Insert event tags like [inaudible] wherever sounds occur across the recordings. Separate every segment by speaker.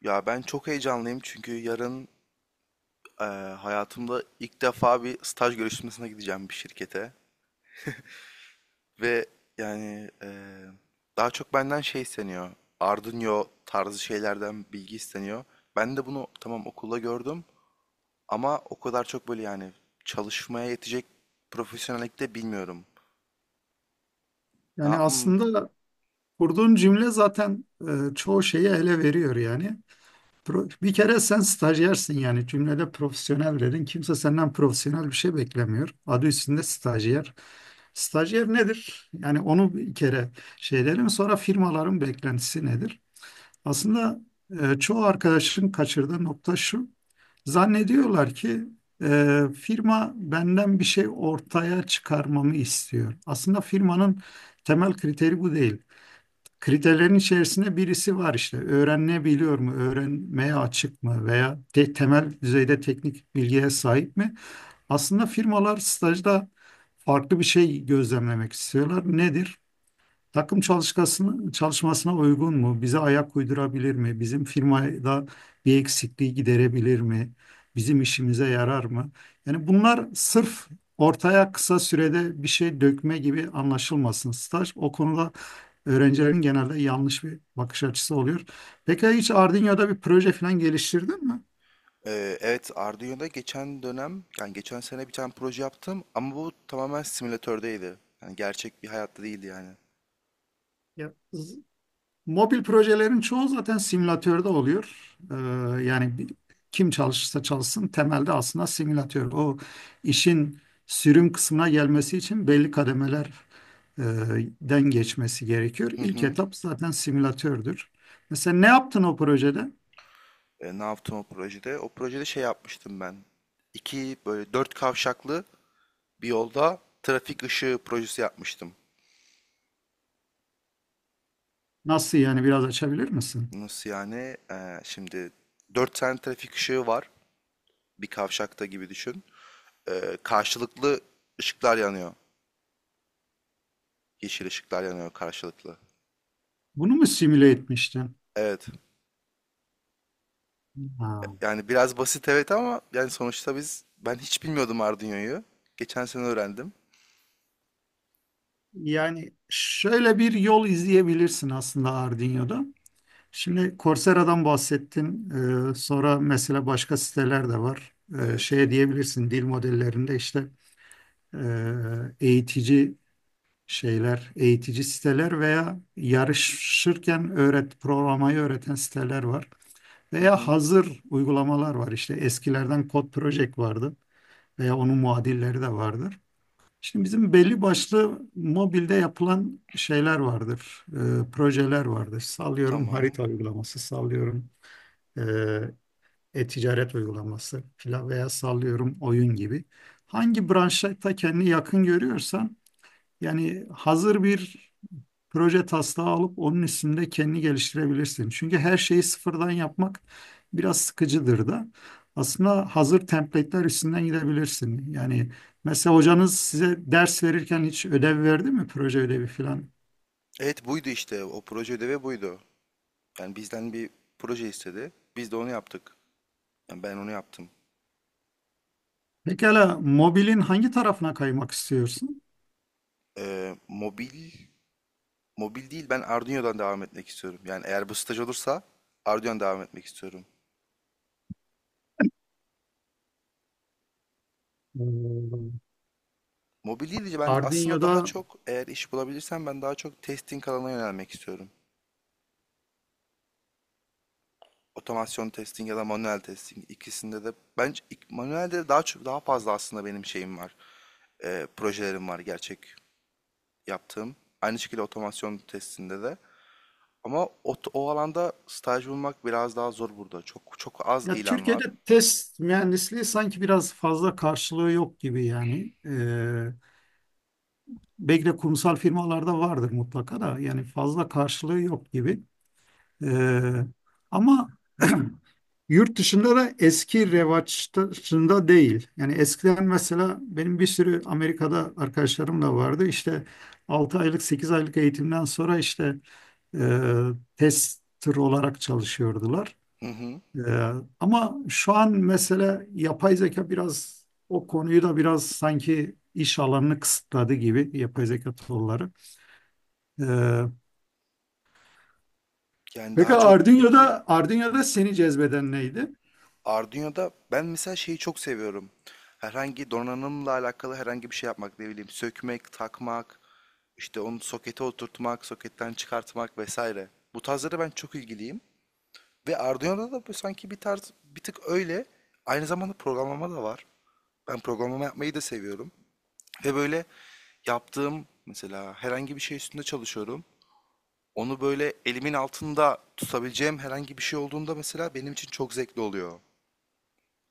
Speaker 1: Ya ben çok heyecanlıyım çünkü yarın eee, hayatımda ilk defa bir staj görüşmesine gideceğim bir şirkete. Ve yani eee, daha çok benden şey isteniyor. Arduino tarzı şeylerden bilgi isteniyor. Ben de bunu tamam okulda gördüm ama o kadar çok böyle yani çalışmaya yetecek profesyonellikte bilmiyorum. Ne
Speaker 2: Yani
Speaker 1: yapayım?
Speaker 2: aslında kurduğun cümle zaten çoğu şeyi ele veriyor yani. Bir kere sen stajyersin, yani cümlede profesyonel dedin. Kimse senden profesyonel bir şey beklemiyor. Adı üstünde stajyer. Stajyer nedir? Yani onu bir kere şey dedim. Sonra firmaların beklentisi nedir? Aslında çoğu arkadaşın kaçırdığı nokta şu. Zannediyorlar ki firma benden bir şey ortaya çıkarmamı istiyor. Aslında firmanın temel kriteri bu değil. Kriterlerin içerisinde birisi var işte. Öğrenebiliyor mu, öğrenmeye açık mı veya temel düzeyde teknik bilgiye sahip mi? Aslında firmalar stajda farklı bir şey gözlemlemek istiyorlar. Nedir? Takım çalışmasına uygun mu? Bize ayak uydurabilir mi? Bizim firmada bir eksikliği giderebilir mi? Bizim işimize yarar mı? Yani bunlar sırf ortaya kısa sürede bir şey dökme gibi anlaşılmasın staj. O konuda öğrencilerin genelde yanlış bir bakış açısı oluyor. Peki hiç Arduino'da bir proje falan geliştirdin mi?
Speaker 1: Evet, Arduino'da geçen dönem yani geçen sene bir tane proje yaptım ama bu tamamen simülatördeydi. Yani gerçek bir hayatta değildi yani.
Speaker 2: Ya, mobil projelerin çoğu zaten simülatörde oluyor. Yani kim çalışırsa çalışsın temelde aslında simülatör. O işin sürüm kısmına gelmesi için belli kademeler e, den geçmesi gerekiyor.
Speaker 1: Hı
Speaker 2: İlk
Speaker 1: hı.
Speaker 2: etap zaten simülatördür. Mesela ne yaptın o projede?
Speaker 1: E, ne yaptım o projede? O projede şey yapmıştım ben. İki böyle dört kavşaklı bir yolda trafik ışığı projesi yapmıştım.
Speaker 2: Nasıl yani, biraz açabilir misin?
Speaker 1: Nasıl yani? E, şimdi dört tane trafik ışığı var. Bir kavşakta gibi düşün. E, karşılıklı ışıklar yanıyor. Yeşil ışıklar yanıyor karşılıklı.
Speaker 2: Bunu mu simüle etmiştin?
Speaker 1: Evet.
Speaker 2: Ha.
Speaker 1: Yani biraz basit evet ama yani sonuçta ben hiç bilmiyordum Arduino'yu. Geçen sene öğrendim.
Speaker 2: Yani şöyle bir yol izleyebilirsin aslında Arduino'da. Şimdi Coursera'dan bahsettin. Sonra mesela başka siteler de var. Ee,
Speaker 1: Evet.
Speaker 2: şeye diyebilirsin dil modellerinde işte eğitici şeyler, eğitici siteler veya yarışırken öğret programayı öğreten siteler var.
Speaker 1: Hı
Speaker 2: Veya
Speaker 1: hı.
Speaker 2: hazır uygulamalar var. İşte eskilerden Code Project vardı veya onun muadilleri de vardır. Şimdi bizim belli başlı mobilde yapılan şeyler vardır, projeler vardır. Sallıyorum
Speaker 1: Tamam.
Speaker 2: harita uygulaması, sallıyorum e, e-ticaret uygulaması filan veya sallıyorum oyun gibi. Hangi branşta kendini yakın görüyorsan yani hazır bir proje taslağı alıp onun üstünde kendini geliştirebilirsin. Çünkü her şeyi sıfırdan yapmak biraz sıkıcıdır da. Aslında hazır template'ler üstünden gidebilirsin. Yani mesela hocanız size ders verirken hiç ödev verdi mi? Proje ödevi filan.
Speaker 1: Evet, buydu işte. O proje ödevi buydu. Yani bizden bir proje istedi. Biz de onu yaptık. Yani ben onu yaptım.
Speaker 2: Pekala mobilin hangi tarafına kaymak istiyorsun?
Speaker 1: Ee, mobil mobil değil, ben Arduino'dan devam etmek istiyorum. Yani eğer bu staj olursa Arduino'dan devam etmek istiyorum.
Speaker 2: Hmm.
Speaker 1: Mobil değil de ben aslında daha
Speaker 2: Arduino'da
Speaker 1: çok eğer iş bulabilirsem ben daha çok testing alanına yönelmek istiyorum. Otomasyon testing ya da manuel testing ikisinde de bence manuelde daha çok daha fazla aslında benim şeyim var. Projelerim var gerçek yaptığım. Aynı şekilde otomasyon testinde de. Ama o alanda staj bulmak biraz daha zor burada. Çok çok az
Speaker 2: Ya,
Speaker 1: ilan
Speaker 2: Türkiye'de
Speaker 1: var.
Speaker 2: test mühendisliği sanki biraz fazla karşılığı yok gibi yani. Belki de kurumsal firmalarda vardır mutlaka da, yani fazla karşılığı yok gibi. Ee, ama [clears throat] yurt dışında da eski revaçta değil. Yani eskiden mesela benim bir sürü Amerika'da arkadaşlarım da vardı. İşte 6 aylık 8 aylık eğitimden sonra işte e, tester olarak çalışıyordular.
Speaker 1: Hı hı.
Speaker 2: Ee, ama şu an mesele yapay zeka biraz o konuyu da biraz sanki iş alanını kısıtladı gibi, yapay zeka tool'ları. Ee,
Speaker 1: Yani
Speaker 2: peki
Speaker 1: daha çok peki
Speaker 2: Arduino'da seni cezbeden neydi?
Speaker 1: Arduino'da ben mesela şeyi çok seviyorum. Herhangi donanımla alakalı herhangi bir şey yapmak ne bileyim sökmek, takmak, işte onu sokete oturtmak, soketten çıkartmak vesaire. Bu tarzlara ben çok ilgiliyim. Ve Arduino'da da bu sanki bir tarz bir tık öyle. Aynı zamanda programlama da var. Ben programlama yapmayı da seviyorum. Ve böyle yaptığım mesela herhangi bir şey üstünde çalışıyorum. Onu böyle elimin altında tutabileceğim herhangi bir şey olduğunda mesela benim için çok zevkli oluyor.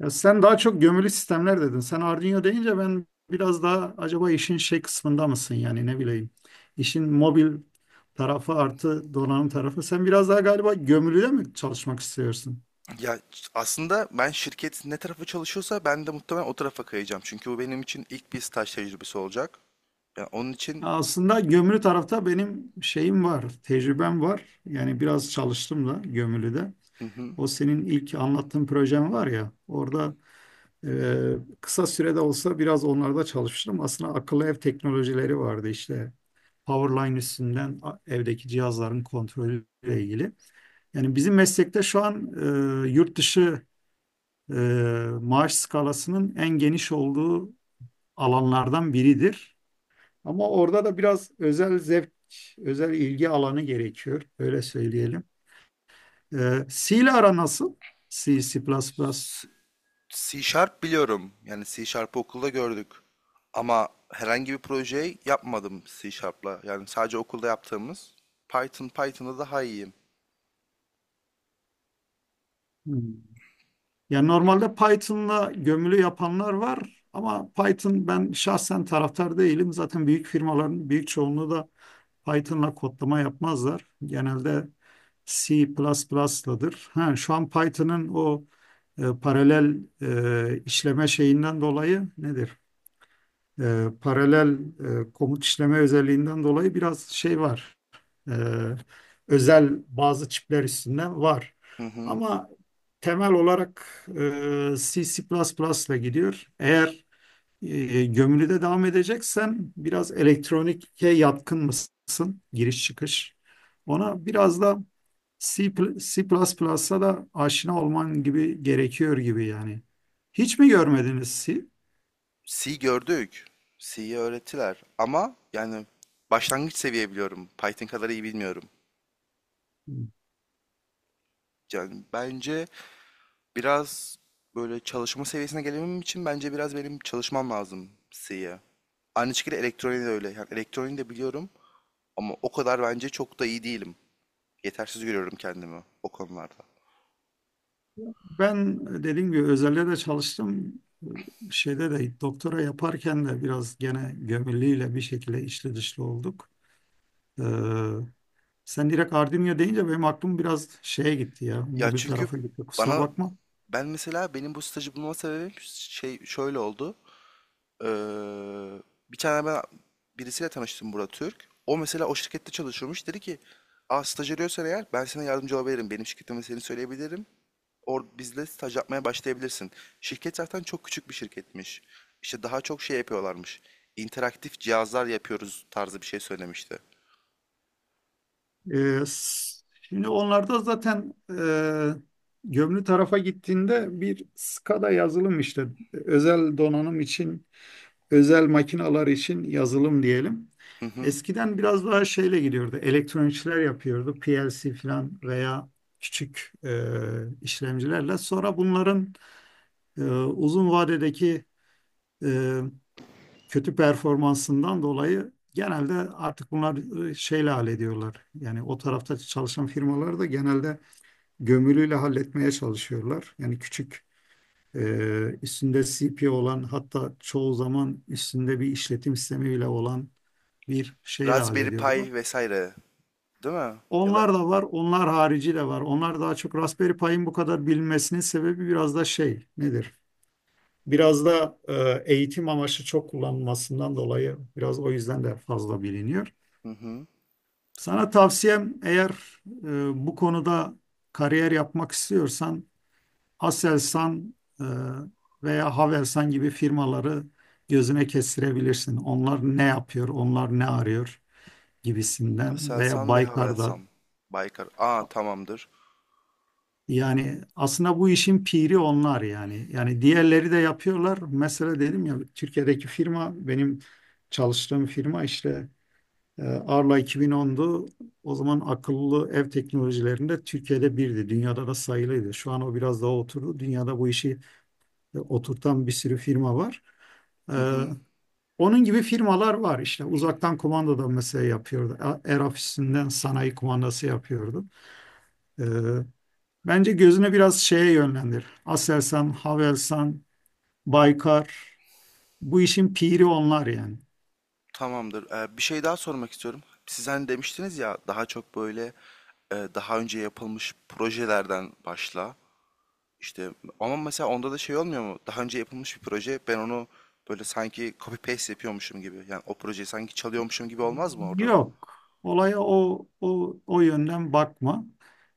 Speaker 2: Ya, sen daha çok gömülü sistemler dedin. Sen Arduino deyince ben biraz daha acaba işin şey kısmında mısın yani, ne bileyim. İşin mobil tarafı artı donanım tarafı. Sen biraz daha galiba gömülüde mi çalışmak istiyorsun?
Speaker 1: Ya aslında ben şirket ne tarafa çalışıyorsa ben de muhtemelen o tarafa kayacağım. Çünkü bu benim için ilk bir staj tecrübesi olacak. Yani onun
Speaker 2: Ya,
Speaker 1: için.
Speaker 2: aslında gömülü tarafta benim şeyim var, tecrübem var. Yani biraz çalıştım da gömülüde.
Speaker 1: Hı hı.
Speaker 2: O senin ilk anlattığın projem var ya, orada kısa sürede olsa biraz onlarda çalıştım. Aslında akıllı ev teknolojileri vardı işte. Powerline üstünden evdeki cihazların kontrolüyle ilgili. Yani bizim meslekte şu an yurt dışı e, maaş skalasının en geniş olduğu alanlardan biridir. Ama orada da biraz özel zevk, özel ilgi alanı gerekiyor. Öyle söyleyelim. C ile ara nasıl? C, C++.
Speaker 1: C Sharp biliyorum. Yani C Sharp'ı okulda gördük. Ama herhangi bir projeyi yapmadım C Sharp'la. Yani sadece okulda yaptığımız Python'da daha iyiyim.
Speaker 2: Hmm. Ya, normalde Python'la gömülü yapanlar var ama Python ben şahsen taraftar değilim. Zaten büyük firmaların büyük çoğunluğu da Python'la kodlama yapmazlar. Genelde C++'ladır. Ha, şu an Python'ın o paralel işleme şeyinden dolayı nedir? Paralel komut işleme özelliğinden dolayı biraz şey var. E, özel bazı çipler üstünden var.
Speaker 1: Hı hı.
Speaker 2: Ama temel olarak C++ ile gidiyor. Eğer gömülüde devam edeceksen biraz elektronike yatkın mısın? Giriş çıkış. Ona biraz da C, C++'a da aşina olman gibi gerekiyor gibi yani. Hiç mi görmediniz C?
Speaker 1: C gördük. C'yi öğrettiler. Ama yani başlangıç seviye biliyorum. Python kadar iyi bilmiyorum. Yani bence biraz böyle çalışma seviyesine gelebilmem için bence biraz benim çalışmam lazım C'ye. Aynı şekilde elektroniği de öyle. Yani elektroniği de biliyorum ama o kadar bence çok da iyi değilim. Yetersiz görüyorum kendimi o konularda.
Speaker 2: Ben dediğim gibi özelde de çalıştım. Şeyde de doktora yaparken de biraz gene gömülüyle bir şekilde içli dışlı olduk. Ee, sen direkt Ardinya deyince benim aklım biraz şeye gitti ya.
Speaker 1: Ya
Speaker 2: Mobil
Speaker 1: çünkü
Speaker 2: tarafa gitti, kusura
Speaker 1: bana
Speaker 2: bakma.
Speaker 1: ben mesela benim bu stajı bulma sebebim şey şöyle oldu. Eee, Bir tane ben birisiyle tanıştım, Burak Türk. O mesela o şirkette çalışıyormuş. Dedi ki, "Aa, staj arıyorsan eğer ben sana yardımcı olabilirim. Benim şirketime seni söyleyebilirim. Or bizle staj yapmaya başlayabilirsin." Şirket zaten çok küçük bir şirketmiş. İşte daha çok şey yapıyorlarmış. İnteraktif cihazlar yapıyoruz tarzı bir şey söylemişti.
Speaker 2: Şimdi onlarda zaten gömülü tarafa gittiğinde bir SCADA yazılım işte, özel donanım için özel makineler için yazılım diyelim.
Speaker 1: Hı hı.
Speaker 2: Eskiden biraz daha şeyle gidiyordu. Elektronikçiler yapıyordu. PLC falan veya küçük işlemcilerle. Sonra bunların uzun vadedeki e, kötü performansından dolayı genelde artık bunlar şeyle hallediyorlar. Yani o tarafta çalışan firmalar da genelde gömülüyle halletmeye çalışıyorlar. Yani küçük e, üstünde CPU olan, hatta çoğu zaman üstünde bir işletim sistemi bile olan bir şeyle
Speaker 1: Raspberry Pi
Speaker 2: hallediyorlar.
Speaker 1: vesaire. Değil mi? Ya da.
Speaker 2: Onlar da var, onlar harici de var. Onlar daha çok Raspberry Pi'nin bu kadar bilinmesinin sebebi biraz da şey nedir? Biraz da eğitim amaçlı çok kullanılmasından dolayı biraz o yüzden de fazla biliniyor.
Speaker 1: Hı hı.
Speaker 2: Sana tavsiyem, eğer bu konuda kariyer yapmak istiyorsan Aselsan e, veya Havelsan gibi firmaları gözüne kestirebilirsin. Onlar ne yapıyor, onlar ne arıyor gibisinden, veya
Speaker 1: Aselsan ve
Speaker 2: Baykar'da.
Speaker 1: Havelsan. Baykar. Aa, tamamdır.
Speaker 2: Yani aslında bu işin piri onlar yani. Yani diğerleri de yapıyorlar. Mesela dedim ya, Türkiye'deki firma, benim çalıştığım firma işte Arla 2010'du. O zaman akıllı ev teknolojilerinde Türkiye'de birdi. Dünyada da sayılıydı. Şu an o biraz daha oturdu. Dünyada bu işi oturtan bir sürü firma var. E,
Speaker 1: Hı hı.
Speaker 2: Onun gibi firmalar var işte. Uzaktan kumanda da mesela yapıyordu. Air ofisinden sanayi kumandası yapıyordu. E, Bence gözüne biraz şeye yönlendir. Aselsan, Havelsan, Baykar. Bu işin piri onlar yani.
Speaker 1: Tamamdır. Bir şey daha sormak istiyorum. Siz hani demiştiniz ya daha çok böyle e, daha önce yapılmış projelerden başla. İşte ama mesela onda da şey olmuyor mu? Daha önce yapılmış bir proje, ben onu böyle sanki copy paste yapıyormuşum gibi. Yani o projeyi sanki çalıyormuşum gibi olmaz mı orada da?
Speaker 2: Yok. Olaya o yönden bakma.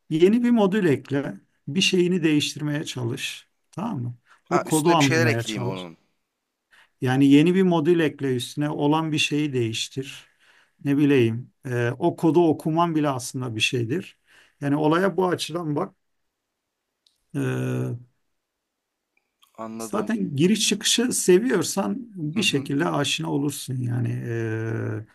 Speaker 2: Yeni bir modül ekle. Bir şeyini değiştirmeye çalış. Tamam mı?
Speaker 1: Ha,
Speaker 2: O kodu
Speaker 1: üstüne bir şeyler
Speaker 2: anlamaya
Speaker 1: ekleyeyim
Speaker 2: çalış.
Speaker 1: onun.
Speaker 2: Yani yeni bir modül ekle, üstüne olan bir şeyi değiştir. Ne bileyim, o kodu okuman bile aslında bir şeydir. Yani olaya bu açıdan bak. E,
Speaker 1: Anladım.
Speaker 2: Zaten giriş çıkışı seviyorsan
Speaker 1: Hı
Speaker 2: bir
Speaker 1: hı.
Speaker 2: şekilde aşina olursun yani. Ee,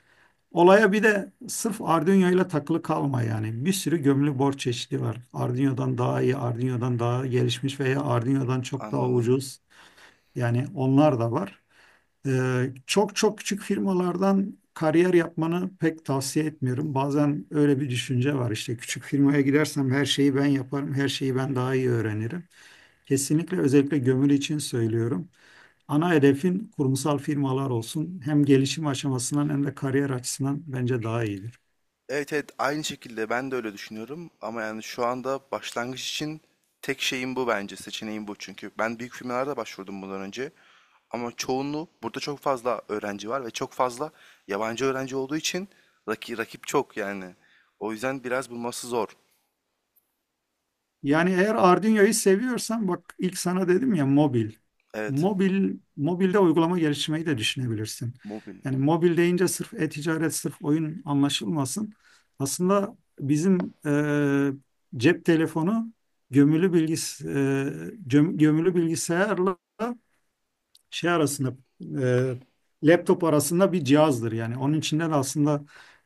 Speaker 2: olaya bir de sırf Arduino ile takılı kalma yani. Bir sürü gömülü board çeşidi var. Arduino'dan daha iyi, Arduino'dan daha gelişmiş veya Arduino'dan çok daha
Speaker 1: Anladım.
Speaker 2: ucuz. Yani onlar da var. Çok çok küçük firmalardan kariyer yapmanı pek tavsiye etmiyorum. Bazen öyle bir düşünce var işte, küçük firmaya gidersem her şeyi ben yaparım, her şeyi ben daha iyi öğrenirim. Kesinlikle özellikle gömülü için söylüyorum. Ana hedefin kurumsal firmalar olsun. Hem gelişim aşamasından hem de kariyer açısından bence daha iyidir.
Speaker 1: Evet evet, aynı şekilde ben de öyle düşünüyorum ama yani şu anda başlangıç için tek şeyim bu bence, seçeneğim bu çünkü ben büyük firmalarda başvurdum bundan önce ama çoğunluğu burada çok fazla öğrenci var ve çok fazla yabancı öğrenci olduğu için rakip çok yani o yüzden biraz bulması zor.
Speaker 2: Yani eğer Arduino'yu seviyorsan bak, ilk sana dedim ya, mobil.
Speaker 1: Evet,
Speaker 2: Mobil, mobilde uygulama geliştirmeyi de düşünebilirsin.
Speaker 1: mobil
Speaker 2: Yani mobil deyince sırf e-ticaret, sırf oyun anlaşılmasın. Aslında bizim cep telefonu gömülü bilgis e, gömülü bilgisayarla şey arasında, e, laptop arasında bir cihazdır yani. Onun içinden aslında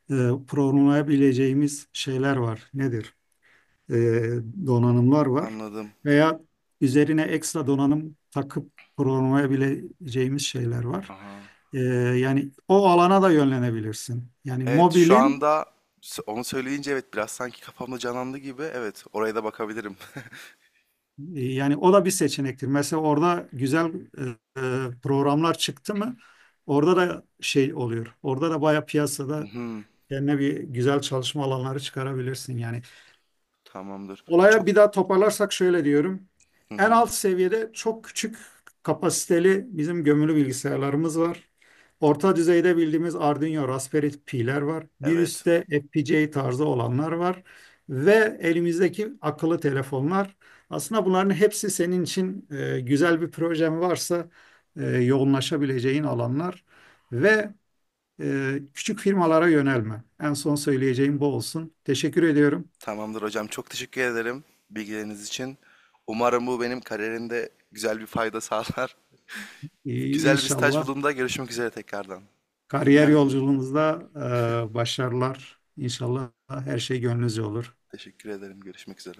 Speaker 2: e, programlayabileceğimiz şeyler var. Nedir? e, Donanımlar var.
Speaker 1: anladım.
Speaker 2: Veya üzerine ekstra donanım takıp programlayabileceğimiz şeyler var.
Speaker 1: Aha.
Speaker 2: E, yani o alana da yönlenebilirsin. Yani
Speaker 1: Evet şu
Speaker 2: mobilin
Speaker 1: anda onu söyleyince evet biraz sanki kafamda canlandı gibi, evet oraya da bakabilirim.
Speaker 2: yani o da bir seçenektir. Mesela orada güzel programlar çıktı mı orada da şey oluyor. Orada da bayağı
Speaker 1: [laughs] Hı
Speaker 2: piyasada
Speaker 1: hı,
Speaker 2: kendine bir güzel çalışma alanları çıkarabilirsin. Yani
Speaker 1: tamamdır
Speaker 2: olaya
Speaker 1: çok.
Speaker 2: bir daha toparlarsak şöyle diyorum.
Speaker 1: Hı
Speaker 2: En
Speaker 1: hı,
Speaker 2: alt seviyede çok küçük kapasiteli bizim gömülü bilgisayarlarımız var. Orta düzeyde bildiğimiz Arduino, Raspberry Pi'ler var. Bir
Speaker 1: evet.
Speaker 2: üstte FPGA tarzı olanlar var. Ve elimizdeki akıllı telefonlar. Aslında bunların hepsi senin için, güzel bir projen varsa yoğunlaşabileceğin alanlar. Ve küçük firmalara yönelme. En son söyleyeceğim bu olsun. Teşekkür ediyorum.
Speaker 1: Tamamdır hocam. Çok teşekkür ederim bilgileriniz için. Umarım bu benim kariyerimde güzel bir fayda sağlar. [laughs] Güzel bir staj
Speaker 2: İnşallah
Speaker 1: bulduğumda görüşmek üzere tekrardan. İyi
Speaker 2: kariyer
Speaker 1: günler diliyorum.
Speaker 2: yolculuğunuzda başarılar. İnşallah her şey gönlünüzce olur.
Speaker 1: Teşekkür ederim. Görüşmek üzere.